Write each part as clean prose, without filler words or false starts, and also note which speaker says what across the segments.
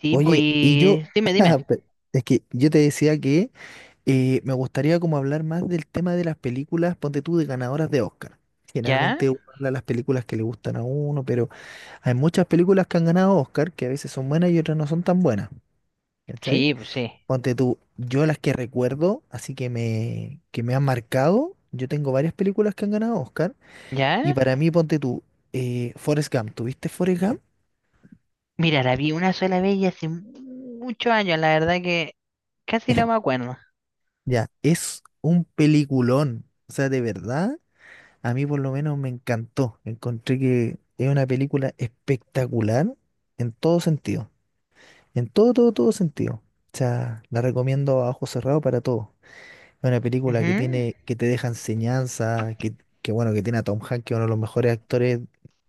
Speaker 1: Sí,
Speaker 2: Oye, y yo,
Speaker 1: pues, dime, dime.
Speaker 2: pe- es que yo te decía que me gustaría como hablar más del tema de las películas, ponte tú, de ganadoras de Oscar.
Speaker 1: ¿Ya?
Speaker 2: Generalmente uno habla de las películas que le gustan a uno, pero hay muchas películas que han ganado Oscar que a veces son buenas y otras no son tan buenas, ¿cachai?
Speaker 1: Sí, pues sí.
Speaker 2: Ponte tú, yo las que recuerdo, así que me han marcado, yo tengo varias películas que han ganado Oscar, y
Speaker 1: ¿Ya?
Speaker 2: para mí, ponte tú, Forrest Gump, ¿tuviste Forrest Gump?
Speaker 1: Mira, la vi una sola vez y hace muchos años, la verdad que casi no me acuerdo.
Speaker 2: Ya, es un peliculón. O sea, de verdad, a mí por lo menos me encantó. Encontré que es una película espectacular en todo sentido. En todo, todo, todo sentido. O sea, la recomiendo a ojos cerrados para todo. Es una película que
Speaker 1: Ujú.
Speaker 2: tiene, que te deja enseñanza, que bueno, que tiene a Tom Hanks, que es uno de los mejores actores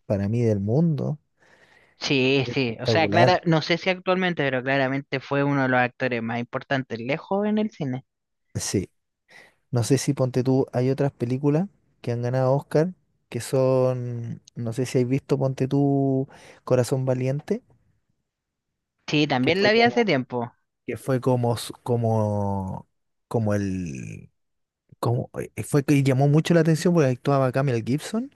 Speaker 2: para mí del mundo.
Speaker 1: Sí, sí. O sea,
Speaker 2: Espectacular.
Speaker 1: Clara, no sé si actualmente, pero claramente fue uno de los actores más importantes lejos en el cine.
Speaker 2: Sí. No sé si ponte tú, hay otras películas que han ganado Oscar, que son, no sé si has visto, ponte tú, Corazón Valiente,
Speaker 1: Sí,
Speaker 2: que
Speaker 1: también la
Speaker 2: fue
Speaker 1: vi hace
Speaker 2: como
Speaker 1: tiempo.
Speaker 2: que fue como, s- como, como el, como, fue que llamó mucho la atención porque actuaba Camel Gibson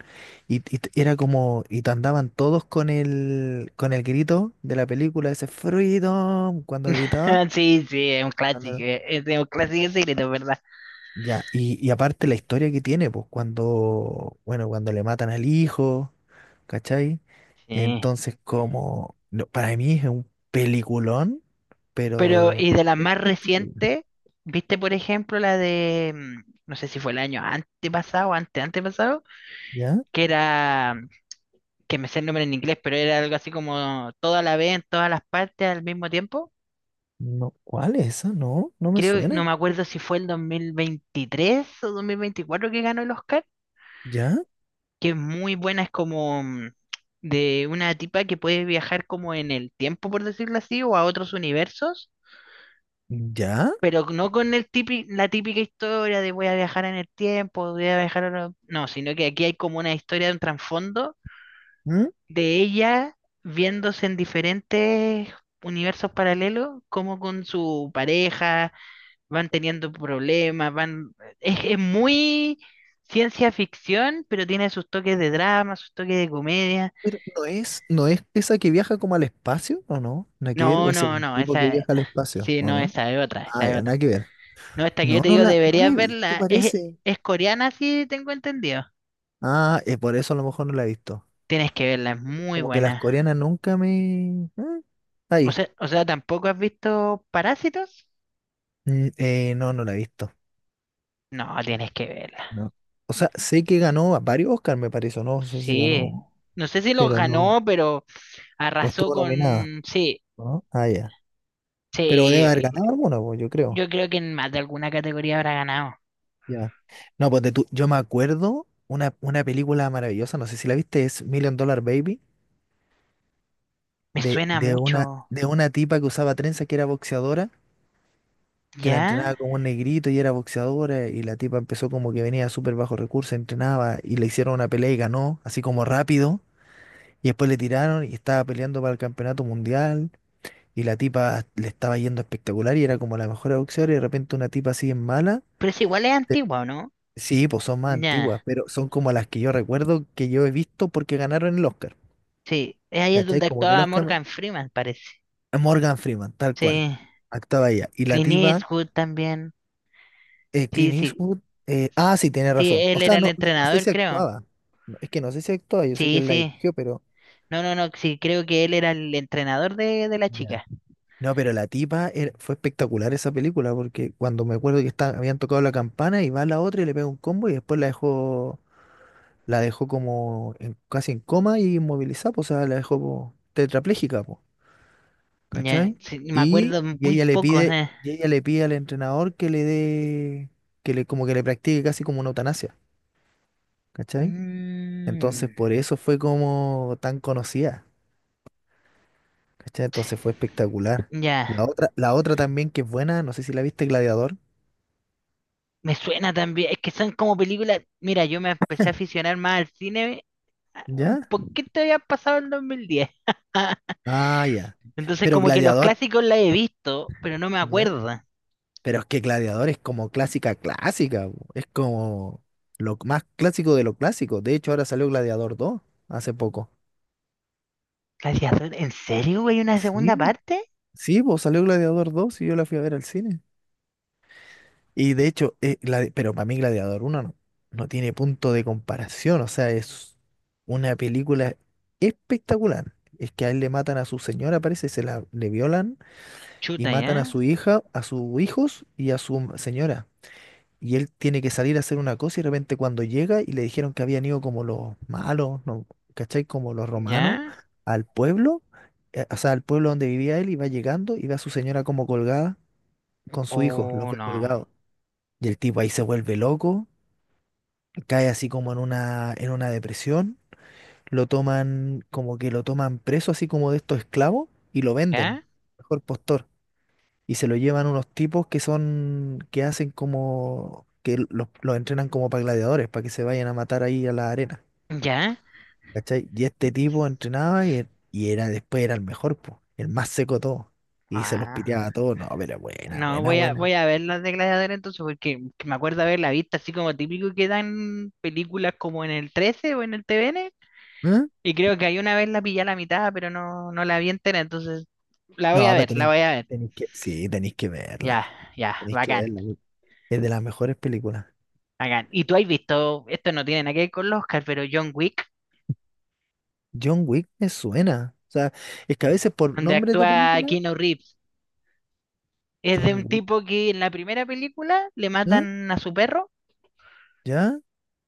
Speaker 2: era como, andaban todos con con el grito de la película, ese Freedom, cuando gritaba.
Speaker 1: Sí, sí,
Speaker 2: cuando-
Speaker 1: es un clásico secreto, ¿verdad?
Speaker 2: Ya, y aparte la historia que tiene, pues cuando, bueno, cuando le matan al hijo, ¿cachai?
Speaker 1: Sí.
Speaker 2: Entonces, como, no, para mí es un peliculón,
Speaker 1: Pero,
Speaker 2: pero
Speaker 1: y de las más
Speaker 2: espectacular,
Speaker 1: recientes, ¿viste, por ejemplo, la de, no sé si fue el año antepasado, antepasado?
Speaker 2: ¿ya?
Speaker 1: Que era, que me sé el nombre en inglés, pero era algo así como toda la vez, en todas las partes al mismo tiempo.
Speaker 2: No, ¿cuál es esa? No, no me
Speaker 1: Creo, no
Speaker 2: suena.
Speaker 1: me acuerdo si fue el 2023 o 2024 que ganó el Oscar,
Speaker 2: ¿Ya?
Speaker 1: que es muy buena, es como de una tipa que puede viajar como en el tiempo, por decirlo así, o a otros universos,
Speaker 2: ¿Ya?
Speaker 1: pero no con la típica historia de voy a viajar en el tiempo, voy a viajar a... No, sino que aquí hay como una historia de un trasfondo
Speaker 2: ¿Mm?
Speaker 1: de ella viéndose en diferentes universos paralelos, como con su pareja van teniendo problemas, van... Es muy ciencia ficción, pero tiene sus toques de drama, sus toques de comedia.
Speaker 2: Pero no es esa que viaja como al espacio, ¿o no? Nada que ver,
Speaker 1: No,
Speaker 2: o es
Speaker 1: no,
Speaker 2: el
Speaker 1: no,
Speaker 2: tipo que
Speaker 1: esa...
Speaker 2: viaja al espacio,
Speaker 1: Sí,
Speaker 2: ¿o
Speaker 1: no,
Speaker 2: no?
Speaker 1: esa es otra,
Speaker 2: Ah,
Speaker 1: esa es
Speaker 2: ya, nada
Speaker 1: otra.
Speaker 2: que ver.
Speaker 1: No, esta que yo
Speaker 2: No,
Speaker 1: te digo,
Speaker 2: no la
Speaker 1: deberías
Speaker 2: he visto,
Speaker 1: verla.
Speaker 2: parece.
Speaker 1: Es coreana, sí, tengo entendido.
Speaker 2: Ah, por eso a lo mejor no la he visto.
Speaker 1: Tienes que verla, es muy
Speaker 2: Como que las
Speaker 1: buena.
Speaker 2: coreanas nunca me. Ah, ahí.
Speaker 1: O sea, ¿tampoco has visto Parásitos?
Speaker 2: Mm, no, no la he visto.
Speaker 1: No, tienes que verla.
Speaker 2: No. O sea, sé que ganó a varios Oscar, me parece, o no sé si ganó,
Speaker 1: Sí, no sé si los
Speaker 2: pero no.
Speaker 1: ganó, pero
Speaker 2: O
Speaker 1: arrasó
Speaker 2: estuvo nominada,
Speaker 1: con... Sí,
Speaker 2: ¿no? Ah, ya. Pero debe haber
Speaker 1: sí,
Speaker 2: ganado alguno, pues, yo creo.
Speaker 1: yo creo que en más de alguna categoría habrá ganado.
Speaker 2: Ya. No, pues yo me acuerdo una película maravillosa, no sé si la viste, es Million Dollar Baby,
Speaker 1: Me suena
Speaker 2: de
Speaker 1: mucho,
Speaker 2: de una tipa que usaba trenza que era boxeadora, que la
Speaker 1: ¿ya?
Speaker 2: entrenaba como un negrito y era boxeadora, y la tipa empezó como que venía súper bajo recurso, entrenaba y le hicieron una pelea y ganó, así como rápido, y después le tiraron y estaba peleando para el campeonato mundial, y la tipa le estaba yendo espectacular y era como la mejor boxeadora, y de repente una tipa así en mala.
Speaker 1: Pero es igual es antigua, ¿o no?
Speaker 2: Sí, pues son más antiguas,
Speaker 1: Ya,
Speaker 2: pero son como las que yo recuerdo que yo he visto porque ganaron el Oscar.
Speaker 1: sí, ahí es
Speaker 2: ¿Cachai?
Speaker 1: donde
Speaker 2: Como que el
Speaker 1: actuaba
Speaker 2: Oscar...
Speaker 1: Morgan Freeman, parece.
Speaker 2: Morgan Freeman, tal cual.
Speaker 1: Sí,
Speaker 2: Actuaba ella. Y la
Speaker 1: Clint
Speaker 2: tipa,
Speaker 1: Eastwood también. Sí,
Speaker 2: Clint
Speaker 1: sí,
Speaker 2: Eastwood. Sí, tiene
Speaker 1: sí,
Speaker 2: razón. O
Speaker 1: él era
Speaker 2: sea,
Speaker 1: el
Speaker 2: no, no sé
Speaker 1: entrenador,
Speaker 2: si
Speaker 1: creo.
Speaker 2: actuaba. No, es que no sé si actuaba, yo sé que
Speaker 1: Sí,
Speaker 2: él la
Speaker 1: sí.
Speaker 2: dirigió, pero...
Speaker 1: No, no, no, sí, creo que él era el entrenador de la
Speaker 2: Ya.
Speaker 1: chica.
Speaker 2: No, pero la tipa fue espectacular esa película porque cuando me acuerdo que habían tocado la campana y va la otra y le pega un combo y después la dejó como casi en coma y inmovilizada, pues, o sea, la dejó po, tetrapléjica, pues.
Speaker 1: Ya,
Speaker 2: ¿Cachai?
Speaker 1: sí, me
Speaker 2: Y,
Speaker 1: acuerdo
Speaker 2: y
Speaker 1: muy
Speaker 2: ella le
Speaker 1: poco, o
Speaker 2: pide,
Speaker 1: sea.
Speaker 2: y ella le pide al entrenador que le dé, que le, como que le practique casi como una eutanasia, ¿cachai? Entonces
Speaker 1: Mm.
Speaker 2: por eso fue como tan conocida, ¿cachai? Entonces fue espectacular.
Speaker 1: Ya,
Speaker 2: La otra también que es buena, no sé si la viste, Gladiador,
Speaker 1: me suena también. Es que son como películas. Mira, yo me empecé a aficionar más al cine un
Speaker 2: ¿ya?
Speaker 1: poquito había pasado el 2010.
Speaker 2: Ah, ya.
Speaker 1: Entonces,
Speaker 2: Pero
Speaker 1: como que los
Speaker 2: Gladiador,
Speaker 1: clásicos la he visto, pero no me
Speaker 2: ¿ya?
Speaker 1: acuerdo.
Speaker 2: Pero es que Gladiador es como clásica, clásica, po. Es como lo más clásico de lo clásico. De hecho, ahora salió Gladiador dos hace poco.
Speaker 1: Gladiador, ¿en serio, güey? ¿Una segunda
Speaker 2: Sí.
Speaker 1: parte?
Speaker 2: Sí, pues salió Gladiador dos y yo la fui a ver al cine. Y de hecho, pero para mí Gladiador uno no, no tiene punto de comparación. O sea, es una película espectacular. Es que a él le matan a su señora, parece, se la le violan y
Speaker 1: Chuta,
Speaker 2: matan a su
Speaker 1: ¿ya?
Speaker 2: hija, a sus hijos y a su señora. Y él tiene que salir a hacer una cosa y de repente cuando llega y le dijeron que habían ido como los malos, ¿no? ¿Cachai? Como los romanos
Speaker 1: ¿Ya?
Speaker 2: al pueblo, o sea, al pueblo donde vivía él y va llegando y ve a su señora como colgada con su hijo, los
Speaker 1: ¿O
Speaker 2: ve
Speaker 1: no?
Speaker 2: colgados. Y el tipo ahí se vuelve loco, cae así como en en una depresión, lo toman, como que lo toman preso, así como de estos esclavos, y lo venden,
Speaker 1: ¿Ya?
Speaker 2: mejor postor. Y se lo llevan unos tipos que son, que hacen como, que los entrenan como para gladiadores, para que se vayan a matar ahí a la arena.
Speaker 1: ¿Ya?
Speaker 2: ¿Cachai? Y este tipo entrenaba y era, después era el mejor, po, el más seco de todo. Y se los
Speaker 1: Ah,
Speaker 2: piteaba a todos. No, pero buena,
Speaker 1: no,
Speaker 2: buena,
Speaker 1: voy a,
Speaker 2: buena.
Speaker 1: voy a ver las de Gladiador entonces, porque que me acuerdo haberla visto así como típico que dan películas como en el 13 o en el TVN.
Speaker 2: ¿Eh?
Speaker 1: Y creo que ahí una vez la pillé a la mitad, pero no, no la vi entera, entonces la voy a
Speaker 2: No, pero
Speaker 1: ver, la
Speaker 2: tenéis,
Speaker 1: voy a ver.
Speaker 2: tenéis que, sí, tenéis que
Speaker 1: Ya,
Speaker 2: verla,
Speaker 1: ya,
Speaker 2: tenéis que
Speaker 1: bacán,
Speaker 2: verla. Porque es de las mejores películas.
Speaker 1: bacán. Y tú has visto, esto no tiene nada que ver con los Oscar, pero John Wick,
Speaker 2: John Wick me suena. O sea, es que a veces por
Speaker 1: donde
Speaker 2: nombres de
Speaker 1: actúa
Speaker 2: películas,
Speaker 1: Keanu Reeves, es de un
Speaker 2: John Wick,
Speaker 1: tipo que en la primera película le
Speaker 2: ¿eh?
Speaker 1: matan a su perro,
Speaker 2: ¿Ya?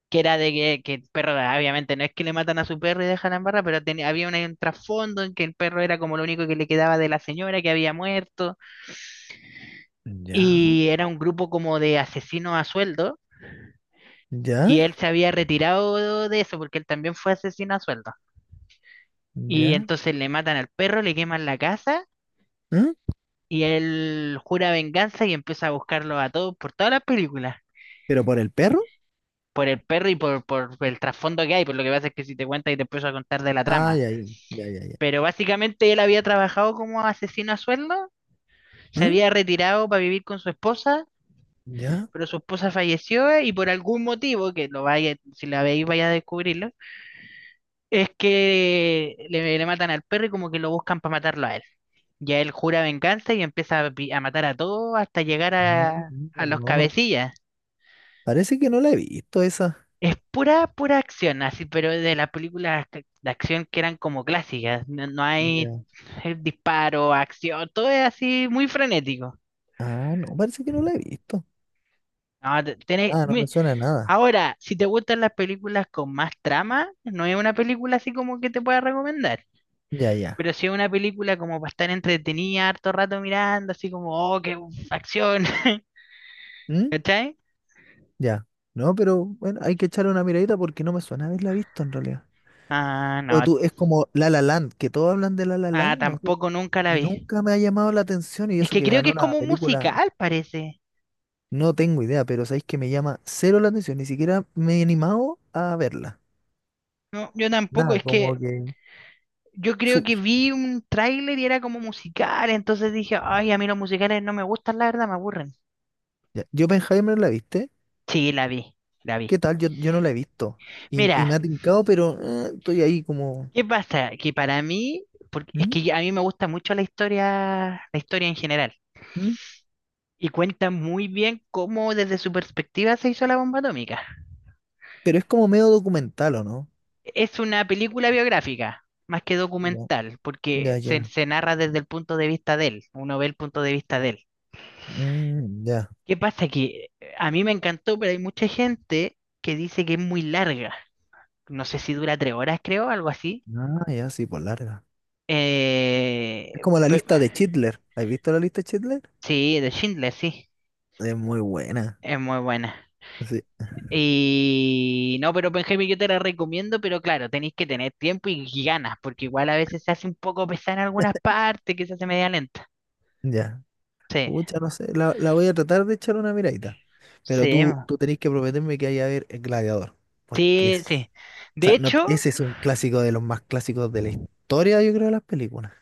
Speaker 1: que era de que el perro, obviamente no es que le matan a su perro y dejan en barra, pero tenía- había un trasfondo en que el perro era como lo único que le quedaba de la señora que había muerto,
Speaker 2: ¿Ya?
Speaker 1: y era un grupo como de asesinos a sueldo.
Speaker 2: ¿Ya?
Speaker 1: Y él se había retirado de eso porque él también fue asesino a sueldo. Y
Speaker 2: ¿Ya?
Speaker 1: entonces le matan al perro, le queman la casa
Speaker 2: ¿Eh?
Speaker 1: y él jura venganza y empieza a buscarlo a todos por todas las películas.
Speaker 2: ¿Pero por el perro?
Speaker 1: Por el perro y por el trasfondo que hay, por lo que pasa es que si te cuentas y te empiezo a contar de la
Speaker 2: Ah,
Speaker 1: trama.
Speaker 2: ya, ya, ya, ya, ya.
Speaker 1: Pero básicamente él había trabajado como asesino a sueldo, se
Speaker 2: ¿Eh?
Speaker 1: había retirado para vivir con su esposa,
Speaker 2: ¿Ya?
Speaker 1: pero su esposa falleció y por algún motivo, que lo vaya, si la veis vaya a descubrirlo, es que le matan al perro y como que lo buscan para matarlo a él. Ya él jura venganza y empieza a, a matar a todos hasta llegar
Speaker 2: No,
Speaker 1: a
Speaker 2: mira,
Speaker 1: los
Speaker 2: no, no.
Speaker 1: cabecillas.
Speaker 2: Parece que no la he visto esa.
Speaker 1: Es pura, pura acción, así, pero de las películas de acción que eran como clásicas. No, no hay
Speaker 2: Ya.
Speaker 1: disparo, acción, todo es así muy frenético.
Speaker 2: Ah, no, parece que no la he visto.
Speaker 1: No,
Speaker 2: Ah, no me suena a nada.
Speaker 1: ahora, si te gustan las películas con más trama, no es una película así como que te pueda recomendar.
Speaker 2: Ya, ya.
Speaker 1: Pero si es una película como para estar entretenida harto rato mirando, así como, oh, qué acción,
Speaker 2: ¿Mm?
Speaker 1: ¿cachai?
Speaker 2: Ya. No, pero bueno, hay que echarle una miradita porque no me suena haberla visto en realidad.
Speaker 1: Ah,
Speaker 2: Oye,
Speaker 1: no,
Speaker 2: tú, es como La La Land, que todos hablan de La La
Speaker 1: ah,
Speaker 2: Land, no sé,
Speaker 1: tampoco nunca la
Speaker 2: y
Speaker 1: vi.
Speaker 2: nunca me ha llamado la atención y
Speaker 1: Es
Speaker 2: eso
Speaker 1: que
Speaker 2: que
Speaker 1: creo que
Speaker 2: ganó
Speaker 1: es
Speaker 2: la
Speaker 1: como un
Speaker 2: película,
Speaker 1: musical, parece.
Speaker 2: no tengo idea, pero sabéis que me llama cero la atención, ni siquiera me he animado a verla.
Speaker 1: No, yo tampoco,
Speaker 2: Nada,
Speaker 1: es que
Speaker 2: como que...
Speaker 1: yo creo
Speaker 2: Su,
Speaker 1: que
Speaker 2: su-
Speaker 1: vi un tráiler y era como musical, entonces dije, ay, a mí los musicales no me gustan, la verdad, me aburren.
Speaker 2: ya. Oppenheimer la viste,
Speaker 1: Sí, la vi, la vi.
Speaker 2: ¿qué tal? Yo no la he visto y me
Speaker 1: Mira,
Speaker 2: ha tincado, pero estoy ahí como...
Speaker 1: ¿qué pasa? Que para mí, porque es
Speaker 2: ¿Mm?
Speaker 1: que a mí me gusta mucho la historia en general.
Speaker 2: ¿Mm?
Speaker 1: Y cuenta muy bien cómo desde su perspectiva se hizo la bomba atómica.
Speaker 2: Pero es como medio documental, ¿o no?
Speaker 1: Es una película biográfica, más que
Speaker 2: Ya,
Speaker 1: documental, porque
Speaker 2: ya,
Speaker 1: se,
Speaker 2: ya.
Speaker 1: se narra desde el punto de vista de él, uno ve el punto de vista de él.
Speaker 2: Mm, ya.
Speaker 1: ¿Qué pasa? Que a mí me encantó, pero hay mucha gente que dice que es muy larga. No sé si dura 3 horas, creo, algo así.
Speaker 2: Ah, ya, sí, por larga. Es
Speaker 1: Eh,
Speaker 2: como la
Speaker 1: pe-
Speaker 2: lista de Chitler. ¿Has visto la lista de Chitler?
Speaker 1: sí, de Schindler, sí,
Speaker 2: Es muy buena.
Speaker 1: es muy buena.
Speaker 2: Sí,
Speaker 1: Y no, pero Benjamín, yo te la recomiendo, pero claro, tenéis que tener tiempo y ganas, porque igual a veces se hace un poco pesada en algunas partes, que se hace media lenta.
Speaker 2: ya.
Speaker 1: Sí,
Speaker 2: Pucha, no sé. La voy a tratar de echar una miradita. Pero
Speaker 1: sí,
Speaker 2: tú,
Speaker 1: mo.
Speaker 2: tú tenés que prometerme que vaya a ver El Gladiador. Porque
Speaker 1: Sí,
Speaker 2: es.
Speaker 1: sí.
Speaker 2: O
Speaker 1: De
Speaker 2: sea, no,
Speaker 1: hecho,
Speaker 2: ese es un clásico de los más clásicos de la historia, yo creo, de las películas.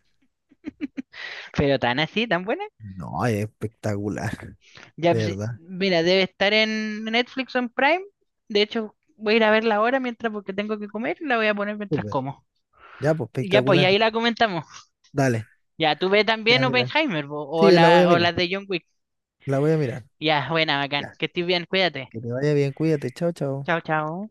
Speaker 1: pero tan así, tan buena.
Speaker 2: No, es espectacular,
Speaker 1: Ya,
Speaker 2: de
Speaker 1: pues,
Speaker 2: verdad.
Speaker 1: mira, debe estar en Netflix o en Prime. De hecho, voy a ir a verla ahora mientras porque tengo que comer y la voy a poner mientras
Speaker 2: Súper.
Speaker 1: como.
Speaker 2: Ya, pues
Speaker 1: Y ya, pues, y
Speaker 2: espectacular.
Speaker 1: ahí la comentamos.
Speaker 2: Dale.
Speaker 1: Ya, tú ve también
Speaker 2: Ya, Mila.
Speaker 1: Oppenheimer, po, o
Speaker 2: Sí, la voy
Speaker 1: la,
Speaker 2: a
Speaker 1: o
Speaker 2: mirar.
Speaker 1: las de John Wick.
Speaker 2: La voy a mirar.
Speaker 1: Ya, buena, bacán.
Speaker 2: Ya.
Speaker 1: Que estés bien, cuídate.
Speaker 2: Que te vaya bien, cuídate. Chao, chao.
Speaker 1: Chao, chao.